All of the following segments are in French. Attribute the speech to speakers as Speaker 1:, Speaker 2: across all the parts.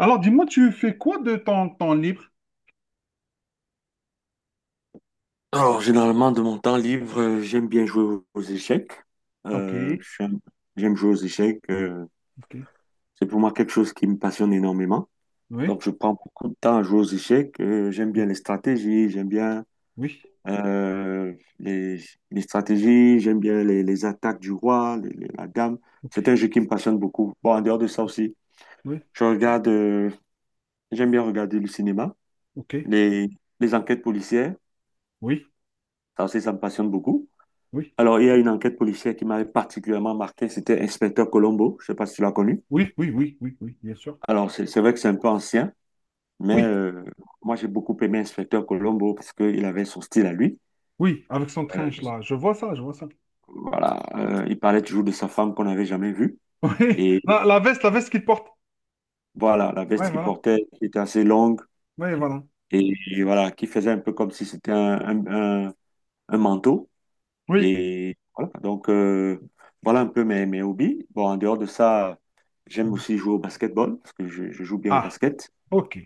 Speaker 1: Alors, dis-moi, tu fais quoi de ton temps libre?
Speaker 2: Alors, généralement, de mon temps libre, j'aime bien jouer aux échecs.
Speaker 1: Ok,
Speaker 2: Euh, j'aime j'aime jouer aux échecs.
Speaker 1: ok,
Speaker 2: C'est pour moi quelque chose qui me passionne énormément.
Speaker 1: oui,
Speaker 2: Donc, je prends beaucoup de temps à jouer aux échecs. J'aime bien les stratégies, j'aime bien
Speaker 1: oui,
Speaker 2: euh, les, les stratégies, j'aime bien les attaques du roi, la dame.
Speaker 1: ok,
Speaker 2: C'est un jeu qui me passionne beaucoup. Bon, en dehors de ça aussi,
Speaker 1: oui,
Speaker 2: je regarde, euh, j'aime bien regarder le cinéma,
Speaker 1: ok,
Speaker 2: les, les enquêtes policières.
Speaker 1: oui,
Speaker 2: Ça aussi, ça me passionne beaucoup.
Speaker 1: oui,
Speaker 2: Alors, il y a une enquête policière qui m'avait particulièrement marqué, c'était Inspecteur Colombo, je ne sais pas si tu l'as connu.
Speaker 1: oui, oui, oui, oui, oui, bien sûr.
Speaker 2: Alors, c'est vrai que c'est un peu ancien, mais
Speaker 1: Oui,
Speaker 2: moi j'ai beaucoup aimé Inspecteur Colombo parce qu'il avait son style à lui.
Speaker 1: oui, avec son trench
Speaker 2: Euh,
Speaker 1: là, je vois ça, je vois ça.
Speaker 2: voilà, il parlait toujours de sa femme qu'on n'avait jamais vue.
Speaker 1: Oui,
Speaker 2: Et
Speaker 1: la veste, la veste qu'il porte.
Speaker 2: voilà, la
Speaker 1: Oui,
Speaker 2: veste qu'il
Speaker 1: voilà,
Speaker 2: portait qui était assez longue
Speaker 1: oui, voilà.
Speaker 2: et, voilà, qui faisait un peu comme si c'était un- un- un manteau.
Speaker 1: Oui.
Speaker 2: Et voilà, voilà un peu mes hobbies. Bon, en dehors de ça, j'aime aussi jouer au basketball parce que je joue bien au
Speaker 1: Ah,
Speaker 2: basket.
Speaker 1: ok.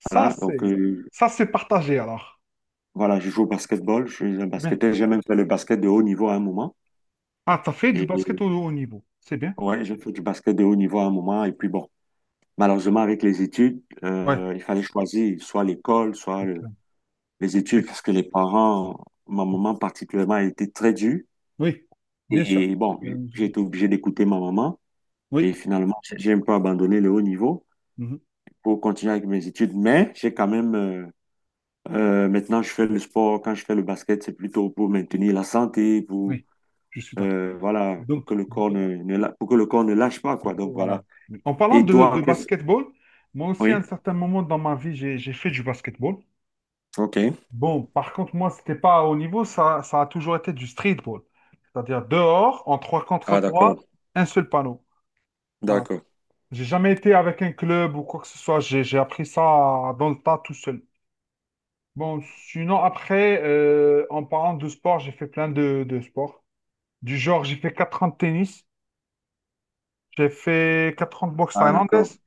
Speaker 1: Ça,
Speaker 2: Voilà,
Speaker 1: c'est ça c'est partagé alors.
Speaker 2: voilà, je joue au basketball, je suis un
Speaker 1: C'est bien.
Speaker 2: basketteur, j'ai même fait le basket de haut niveau à un moment.
Speaker 1: Ah, t'as fait du
Speaker 2: Et
Speaker 1: basket au haut niveau. C'est bien.
Speaker 2: ouais, j'ai fait du basket de haut niveau à un moment. Et puis bon, malheureusement, avec les études,
Speaker 1: Ouais,
Speaker 2: il fallait choisir soit l'école, soit
Speaker 1: c'est clair,
Speaker 2: les
Speaker 1: c'est
Speaker 2: études,
Speaker 1: clair.
Speaker 2: parce que les parents, ma maman particulièrement, a été très dure.
Speaker 1: Oui, bien sûr.
Speaker 2: Et bon,
Speaker 1: Euh, je-
Speaker 2: j'ai été obligé d'écouter ma maman.
Speaker 1: Oui,
Speaker 2: Et finalement, j'ai un peu abandonné le haut niveau
Speaker 1: mhm,
Speaker 2: pour continuer avec mes études. Mais j'ai quand même, maintenant, je fais le sport. Quand je fais le basket, c'est plutôt pour maintenir la santé, pour
Speaker 1: oui, je suis d'accord.
Speaker 2: Voilà, pour
Speaker 1: Donc,
Speaker 2: que le corps ne, ne la- pour que le corps ne lâche pas, quoi. Donc
Speaker 1: voilà.
Speaker 2: voilà.
Speaker 1: En parlant
Speaker 2: Et
Speaker 1: de
Speaker 2: toi, qu'est-ce...
Speaker 1: basketball, moi aussi, à un
Speaker 2: Oui.
Speaker 1: certain moment dans ma vie, j'ai fait du basketball.
Speaker 2: OK.
Speaker 1: Bon, par contre, moi, c'était pas à haut niveau, ça a toujours été du streetball. C'est-à-dire dehors, en trois contre
Speaker 2: Ah,
Speaker 1: trois,
Speaker 2: d'accord.
Speaker 1: un seul panneau. Voilà.
Speaker 2: D'accord.
Speaker 1: J'ai jamais été avec un club ou quoi que ce soit, j'ai appris ça dans le tas tout seul. Bon, sinon, après, en parlant de sport, j'ai fait plein de sports. Du genre, j'ai fait 4 ans de tennis, j'ai fait 4 ans de boxe
Speaker 2: Ah, d'accord.
Speaker 1: thaïlandaise,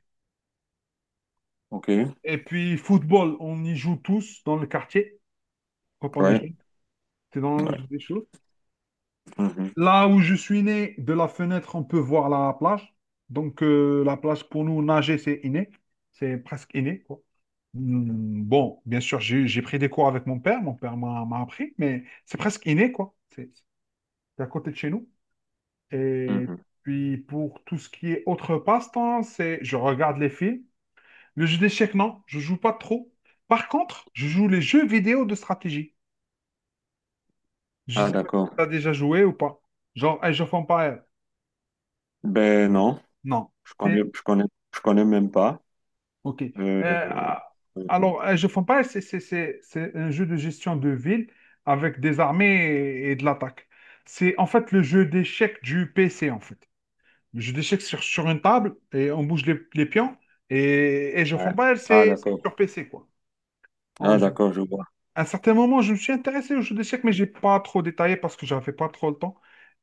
Speaker 2: OK.
Speaker 1: et puis, football, on y joue tous dans le quartier quand on est
Speaker 2: Ouais.
Speaker 1: jeune. C'est dans le
Speaker 2: Ouais.
Speaker 1: jeu des choses.
Speaker 2: Mhm.
Speaker 1: Là où je suis né, de la fenêtre, on peut voir la plage. Donc, la plage, pour nous, nager, c'est inné. C'est presque inné, quoi. Bon, bien sûr, j'ai pris des cours avec mon père. Mon père m'a appris, mais c'est presque inné, quoi. C'est à côté de chez nous. Et
Speaker 2: Mhm.
Speaker 1: puis, pour tout ce qui est autre passe-temps, c'est je regarde les films. Le jeu d'échecs, non, je joue pas trop. Par contre, je joue les jeux vidéo de stratégie. Je
Speaker 2: Ah,
Speaker 1: sais pas si
Speaker 2: d'accord.
Speaker 1: tu as déjà joué ou pas. Genre Age of Empires.
Speaker 2: Ben non,
Speaker 1: Non.
Speaker 2: je connais,
Speaker 1: C'est...
Speaker 2: je connais, je connais même pas.
Speaker 1: Ok.
Speaker 2: Euh,
Speaker 1: Ah,
Speaker 2: euh,
Speaker 1: alors, Age of Empires, c'est un jeu de gestion de ville avec des armées et de l'attaque. C'est en fait le jeu d'échecs du PC, en fait. Le jeu d'échecs sur une table et on bouge les pions. Et Age of
Speaker 2: ouais.
Speaker 1: Empires,
Speaker 2: Ah,
Speaker 1: c'est sur
Speaker 2: d'accord.
Speaker 1: PC, quoi. En
Speaker 2: Ah,
Speaker 1: résumé.
Speaker 2: d'accord, je vois.
Speaker 1: À un certain moment, je me suis intéressé au jeu d'échecs, mais j'ai pas trop détaillé parce que j'avais pas trop le temps.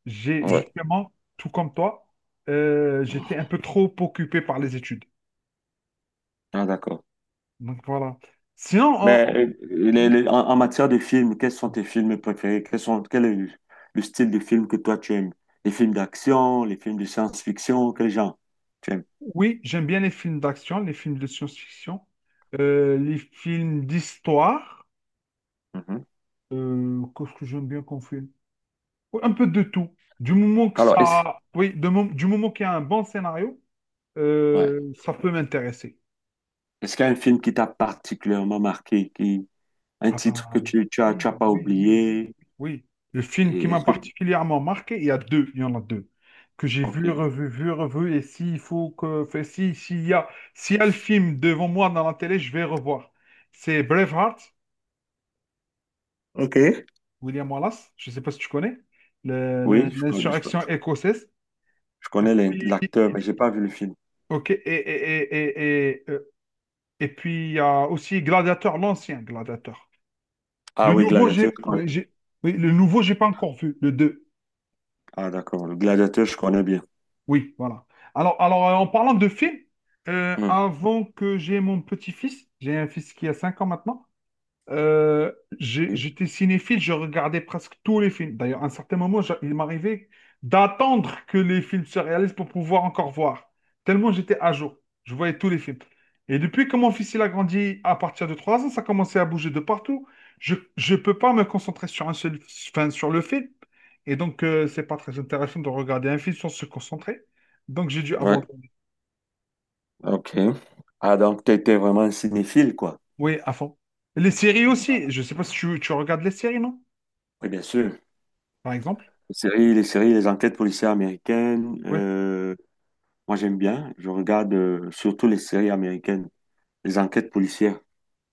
Speaker 1: J'ai
Speaker 2: Ouais.
Speaker 1: justement, tout comme toi, j'étais un peu trop occupé par les études.
Speaker 2: Ah, d'accord.
Speaker 1: Donc voilà. Sinon,
Speaker 2: Mais en, en matière de films, quels sont tes films préférés? Quel est le style de film que toi tu aimes? Les films d'action, les films de science-fiction, quel genre tu aimes?
Speaker 1: oui, j'aime bien les films d'action, les films de science-fiction, les films d'histoire.
Speaker 2: Mhm.
Speaker 1: Qu'est-ce que j'aime bien qu'on filme. Oui, un peu de tout. Du moment que
Speaker 2: Alors, est-ce
Speaker 1: ça, oui, du moment qu'il y a un bon scénario,
Speaker 2: ouais.
Speaker 1: ça peut m'intéresser.
Speaker 2: Est-ce qu'il y a un film qui t'a particulièrement marqué, qui, un
Speaker 1: Ah
Speaker 2: titre
Speaker 1: bah,
Speaker 2: que tu,
Speaker 1: oui,
Speaker 2: tu as pas
Speaker 1: oui, oui, oui.
Speaker 2: oublié?
Speaker 1: Oui, le film qui
Speaker 2: Et
Speaker 1: m'a
Speaker 2: est-ce que
Speaker 1: particulièrement marqué, il y a deux, il y en a deux, que j'ai
Speaker 2: OK.
Speaker 1: vu, revu, et s'il faut que, fait, si, s'il y a le film devant moi dans la télé, je vais revoir. C'est Braveheart,
Speaker 2: OK.
Speaker 1: William Wallace, je ne sais pas si tu connais,
Speaker 2: Oui,
Speaker 1: l'insurrection écossaise.
Speaker 2: je connais l'acteur,
Speaker 1: Puis,
Speaker 2: mais j'ai pas vu le film.
Speaker 1: ok, et puis il y a aussi Gladiateur, l'ancien Gladiateur.
Speaker 2: Ah oui, Gladiateur, je connais.
Speaker 1: Oui, oui, le nouveau, j'ai pas encore vu, le deux.
Speaker 2: Ah d'accord, le Gladiateur, je connais bien.
Speaker 1: Oui, voilà. Alors, en parlant de films,
Speaker 2: Hmm.
Speaker 1: avant que j'ai mon petit-fils, j'ai un fils qui a 5 ans maintenant, euh, j'étais cinéphile, je regardais presque tous les films. D'ailleurs, à un certain moment, il m'arrivait d'attendre que les films se réalisent pour pouvoir encore voir. Tellement j'étais à jour. Je voyais tous les films. Et depuis que mon fils il a grandi à partir de 3 ans, ça commençait à bouger de partout. Je ne peux pas me concentrer sur un seul, enfin, sur le film. Et donc, c'est pas très intéressant de regarder un film sans se concentrer. Donc, j'ai dû
Speaker 2: Ouais.
Speaker 1: abandonner.
Speaker 2: OK. Ah, donc, tu étais vraiment un cinéphile, quoi.
Speaker 1: Oui, à fond. Les séries aussi. Je sais pas si tu regardes les séries, non?
Speaker 2: Oui, bien sûr.
Speaker 1: Par exemple.
Speaker 2: Les séries, les enquêtes policières américaines,
Speaker 1: Oui.
Speaker 2: moi, j'aime bien. Je regarde surtout les séries américaines, les enquêtes policières.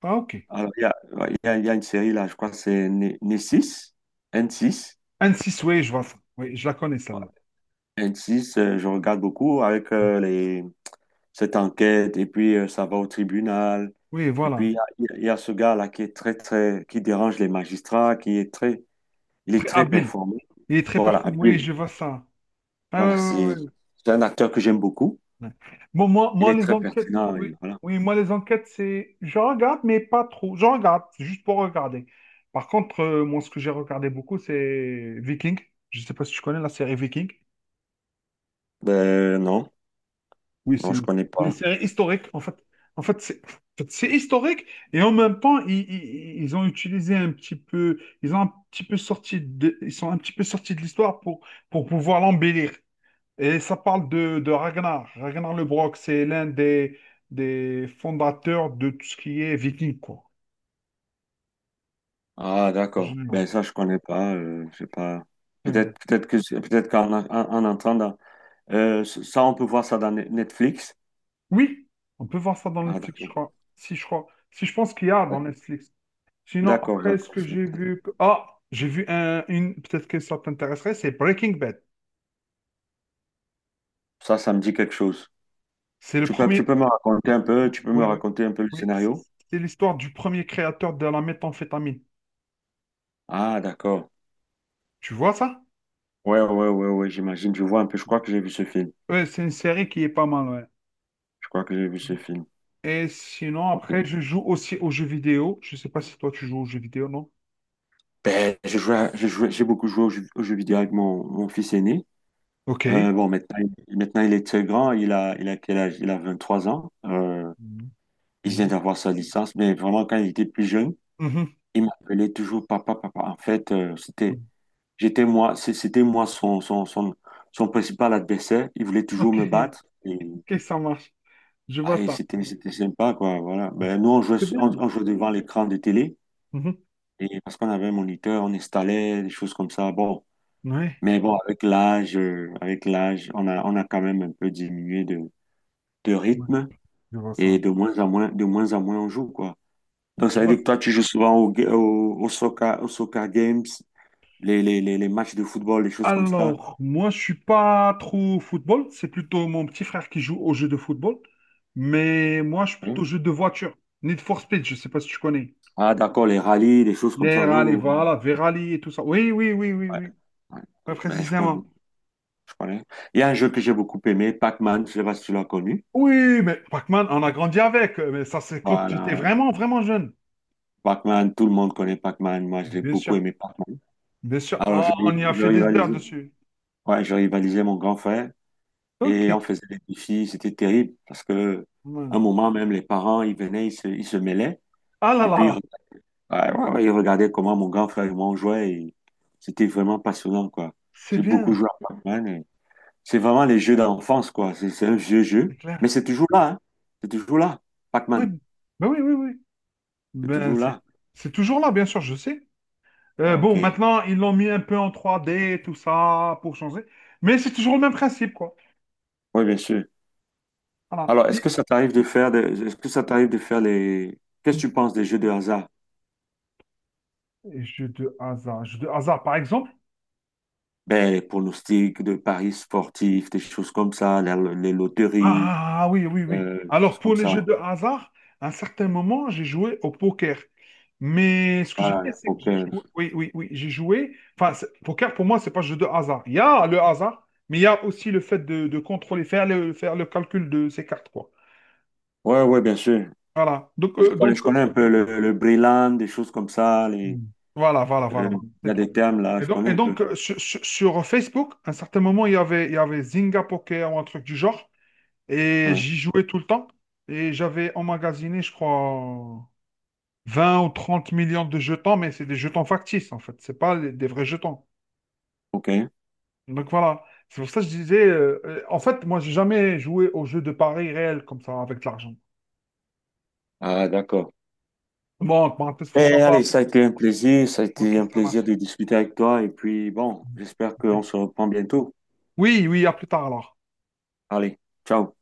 Speaker 1: Ah, ok.
Speaker 2: Alors, il y a, ouais, il y a une série, là, je crois que c'est N6, N6.
Speaker 1: Anne-6, oui, je vois ça. Oui, je la connais
Speaker 2: Ouais.
Speaker 1: celle-là.
Speaker 2: N6, je regarde beaucoup avec cette enquête, et puis ça va au tribunal.
Speaker 1: Oui,
Speaker 2: Et puis,
Speaker 1: voilà.
Speaker 2: il y a ce gars-là qui est qui dérange les magistrats, il est
Speaker 1: Très
Speaker 2: très
Speaker 1: habile.
Speaker 2: performant.
Speaker 1: Il est très
Speaker 2: Voilà,
Speaker 1: performant. Oui,
Speaker 2: Bill.
Speaker 1: je vois ça. Ah, ouais,
Speaker 2: Voilà,
Speaker 1: ouais, ouais,
Speaker 2: c'est un acteur que j'aime beaucoup.
Speaker 1: ouais. Bon, moi,
Speaker 2: Il
Speaker 1: moi,
Speaker 2: est
Speaker 1: les
Speaker 2: très
Speaker 1: enquêtes,
Speaker 2: pertinent
Speaker 1: oui,
Speaker 2: et voilà.
Speaker 1: oui, moi, les enquêtes, c'est. Je regarde, mais pas trop. Je regarde, c'est juste pour regarder. Par contre, moi, ce que j'ai regardé beaucoup, c'est Viking. Je ne sais pas si tu connais la série Viking.
Speaker 2: Ben non,
Speaker 1: Oui, c'est
Speaker 2: non, je
Speaker 1: une,
Speaker 2: connais
Speaker 1: une
Speaker 2: pas.
Speaker 1: série historique. En fait, c'est historique et en même temps, ils ont utilisé un petit peu, ils sont un petit peu sortis de l'histoire pour pouvoir l'embellir. Et ça parle de Ragnar. Ragnar Lodbrok, c'est l'un des fondateurs de tout ce qui est viking, quoi.
Speaker 2: Ah
Speaker 1: En
Speaker 2: d'accord.
Speaker 1: général.
Speaker 2: Ben ça, je connais pas. Je sais pas. Peut-être en entendant, on peut voir ça dans Netflix.
Speaker 1: Oui, on peut voir ça dans
Speaker 2: Ah
Speaker 1: Netflix, je
Speaker 2: d'accord,
Speaker 1: crois. Si je pense qu'il y a dans Netflix. Sinon,
Speaker 2: d'accord,
Speaker 1: après, ce
Speaker 2: d'accord.
Speaker 1: que j'ai vu... ah, j'ai vu peut-être que ça t'intéresserait, c'est Breaking Bad.
Speaker 2: Ça me dit quelque chose.
Speaker 1: C'est le
Speaker 2: Tu
Speaker 1: premier...
Speaker 2: peux me raconter un peu, tu peux me
Speaker 1: Oui, oui.
Speaker 2: raconter un peu le
Speaker 1: Oui,
Speaker 2: scénario?
Speaker 1: c'est l'histoire du premier créateur de la méthamphétamine.
Speaker 2: Ah d'accord.
Speaker 1: Tu vois ça?
Speaker 2: Ouais, ouais, ouais, ouais. J'imagine. Je vois un peu. Je crois que j'ai vu ce film.
Speaker 1: Ouais, c'est une série qui est pas mal, ouais.
Speaker 2: Je crois que j'ai vu ce film.
Speaker 1: Et sinon,
Speaker 2: Ok.
Speaker 1: après, je joue aussi aux jeux vidéo. Je sais pas si toi, tu joues aux jeux vidéo, non?
Speaker 2: Ben, j'ai joué à- j'ai joué- j'ai beaucoup joué aux jeux vidéo avec mon fils aîné.
Speaker 1: Ok.
Speaker 2: Bon, maintenant, maintenant, il est très grand. Il a quel âge? Il a 23 ans.
Speaker 1: Mhm.
Speaker 2: Il vient d'avoir sa licence. Mais vraiment, quand il était plus jeune,
Speaker 1: Mhm.
Speaker 2: il m'appelait toujours papa, papa. En fait,
Speaker 1: Mhm.
Speaker 2: j'étais moi, c'était moi son principal adversaire. Il voulait toujours
Speaker 1: Ok,
Speaker 2: me battre. Et,
Speaker 1: ok, ça marche. Je vois
Speaker 2: ah, et
Speaker 1: ça.
Speaker 2: c'était sympa, quoi. Voilà. Ben, nous,
Speaker 1: C'est bien.
Speaker 2: on jouait devant l'écran de télé.
Speaker 1: Mhm.
Speaker 2: Et parce qu'on avait un moniteur, on installait des choses comme ça. Bon.
Speaker 1: Ouais,
Speaker 2: Mais bon, avec l'âge, on a quand même un peu diminué de
Speaker 1: ouais,
Speaker 2: rythme
Speaker 1: je vois ça.
Speaker 2: et de moins en moins, de moins en moins on joue, quoi. Donc, ça
Speaker 1: Je
Speaker 2: veut
Speaker 1: vois
Speaker 2: dire que toi, tu joues souvent au soccer games, les matchs de football, les choses comme ça.
Speaker 1: Alors, moi, je suis pas trop football. C'est plutôt mon petit frère qui joue au jeu de football. Mais moi, je suis plutôt
Speaker 2: Hein.
Speaker 1: jeu de voiture. Need for Speed, je sais pas si tu connais.
Speaker 2: Ah, d'accord, les rallyes, des choses comme
Speaker 1: Les
Speaker 2: ça. Oui,
Speaker 1: rallyes,
Speaker 2: oui, oui.
Speaker 1: voilà, Verali et tout ça. Oui, oui, oui, oui,
Speaker 2: Ouais,
Speaker 1: oui.
Speaker 2: ouais.
Speaker 1: Pas
Speaker 2: Ouais,
Speaker 1: précisément.
Speaker 2: je connais. Il y a un jeu que j'ai beaucoup aimé, Pac-Man, je sais pas si tu l'as connu.
Speaker 1: Oui, mais Pac-Man, on a grandi avec. Mais ça, c'est quand j'étais
Speaker 2: Voilà.
Speaker 1: vraiment, vraiment jeune.
Speaker 2: Pac-Man, tout le monde connaît Pac-Man. Moi, j'ai
Speaker 1: Bien
Speaker 2: beaucoup
Speaker 1: sûr,
Speaker 2: aimé Pac-Man.
Speaker 1: bien sûr.
Speaker 2: Alors, je,
Speaker 1: Ah, on y a
Speaker 2: je
Speaker 1: fait des heures
Speaker 2: rivalisais,
Speaker 1: dessus.
Speaker 2: ouais, je rivalisais mon grand frère.
Speaker 1: Ok.
Speaker 2: Et on faisait des défis, c'était terrible parce que
Speaker 1: Hmm.
Speaker 2: un moment même les parents ils venaient, ils se mêlaient
Speaker 1: Ah là
Speaker 2: et puis
Speaker 1: là,
Speaker 2: ouais, ouais, ouais, ils regardaient comment mon grand frère et moi on jouait et c'était vraiment passionnant quoi.
Speaker 1: c'est
Speaker 2: J'ai beaucoup
Speaker 1: bien,
Speaker 2: joué à Pac-Man et c'est vraiment les jeux d'enfance quoi. C'est un vieux
Speaker 1: c'est
Speaker 2: jeu
Speaker 1: clair.
Speaker 2: mais c'est toujours là hein. C'est toujours là.
Speaker 1: Oui,
Speaker 2: Pac-Man,
Speaker 1: ben oui, oui, oui.
Speaker 2: c'est
Speaker 1: Ben,
Speaker 2: toujours
Speaker 1: c'est
Speaker 2: là.
Speaker 1: c'est toujours là, bien sûr, je sais.
Speaker 2: Ah,
Speaker 1: Bon,
Speaker 2: OK.
Speaker 1: maintenant, ils l'ont mis un peu en 3D, tout ça, pour changer. Mais c'est toujours le même principe, quoi.
Speaker 2: Oui, bien sûr.
Speaker 1: Voilà.
Speaker 2: Alors,
Speaker 1: Les-
Speaker 2: est-ce que ça t'arrive de faire les qu'est-ce que tu penses des jeux de hasard?
Speaker 1: les jeux de hasard. Jeux de hasard, par exemple.
Speaker 2: Ben, les pronostics de paris sportifs, des choses comme ça, loteries,
Speaker 1: Ah oui, oui, oui.
Speaker 2: des choses
Speaker 1: Alors, pour
Speaker 2: comme
Speaker 1: les
Speaker 2: ça.
Speaker 1: jeux de hasard, à un certain moment, j'ai joué au poker. Mais ce que j'ai
Speaker 2: Voilà,
Speaker 1: fait,
Speaker 2: les
Speaker 1: c'est que j'ai
Speaker 2: poker.
Speaker 1: joué. Oui, oui, oui. J'ai joué. Enfin, poker, pour moi, c'est pas un jeu de hasard. Il y a le hasard, mais il y a aussi le fait de contrôler, faire le calcul de ses cartes, quoi.
Speaker 2: Ouais, ouais, bien sûr.
Speaker 1: Voilà. Donc, euh,
Speaker 2: Je
Speaker 1: donc, euh,
Speaker 2: connais un peu le Breland, des choses comme ça.
Speaker 1: voilà, voilà,
Speaker 2: Euh,
Speaker 1: voilà, voilà.
Speaker 2: Il y
Speaker 1: C'est
Speaker 2: a
Speaker 1: tout.
Speaker 2: des termes là,
Speaker 1: Et
Speaker 2: je
Speaker 1: donc,
Speaker 2: connais
Speaker 1: et
Speaker 2: un peu.
Speaker 1: donc, euh, sur Facebook, à un certain moment, il y avait Zynga Poker ou un truc du genre. Et
Speaker 2: Ouais,
Speaker 1: j'y jouais tout le temps. Et j'avais emmagasiné, je crois, 20 ou 30 millions de jetons, mais c'est des jetons factices, en fait. C'est pas des vrais jetons.
Speaker 2: ok.
Speaker 1: Donc voilà. C'est pour ça que je disais, en fait, moi, j'ai jamais joué aux jeux de paris réels comme ça, avec de l'argent.
Speaker 2: Ah, d'accord.
Speaker 1: Bon, en parenthèse, faut
Speaker 2: Eh,
Speaker 1: savoir.
Speaker 2: allez, ça a été un plaisir. Ça a
Speaker 1: Ok,
Speaker 2: été un
Speaker 1: ça
Speaker 2: plaisir
Speaker 1: marche.
Speaker 2: de discuter avec toi. Et puis, bon, j'espère
Speaker 1: Ok.
Speaker 2: qu'on se reprend bientôt.
Speaker 1: Oui, oui, à plus tard alors.
Speaker 2: Allez, ciao.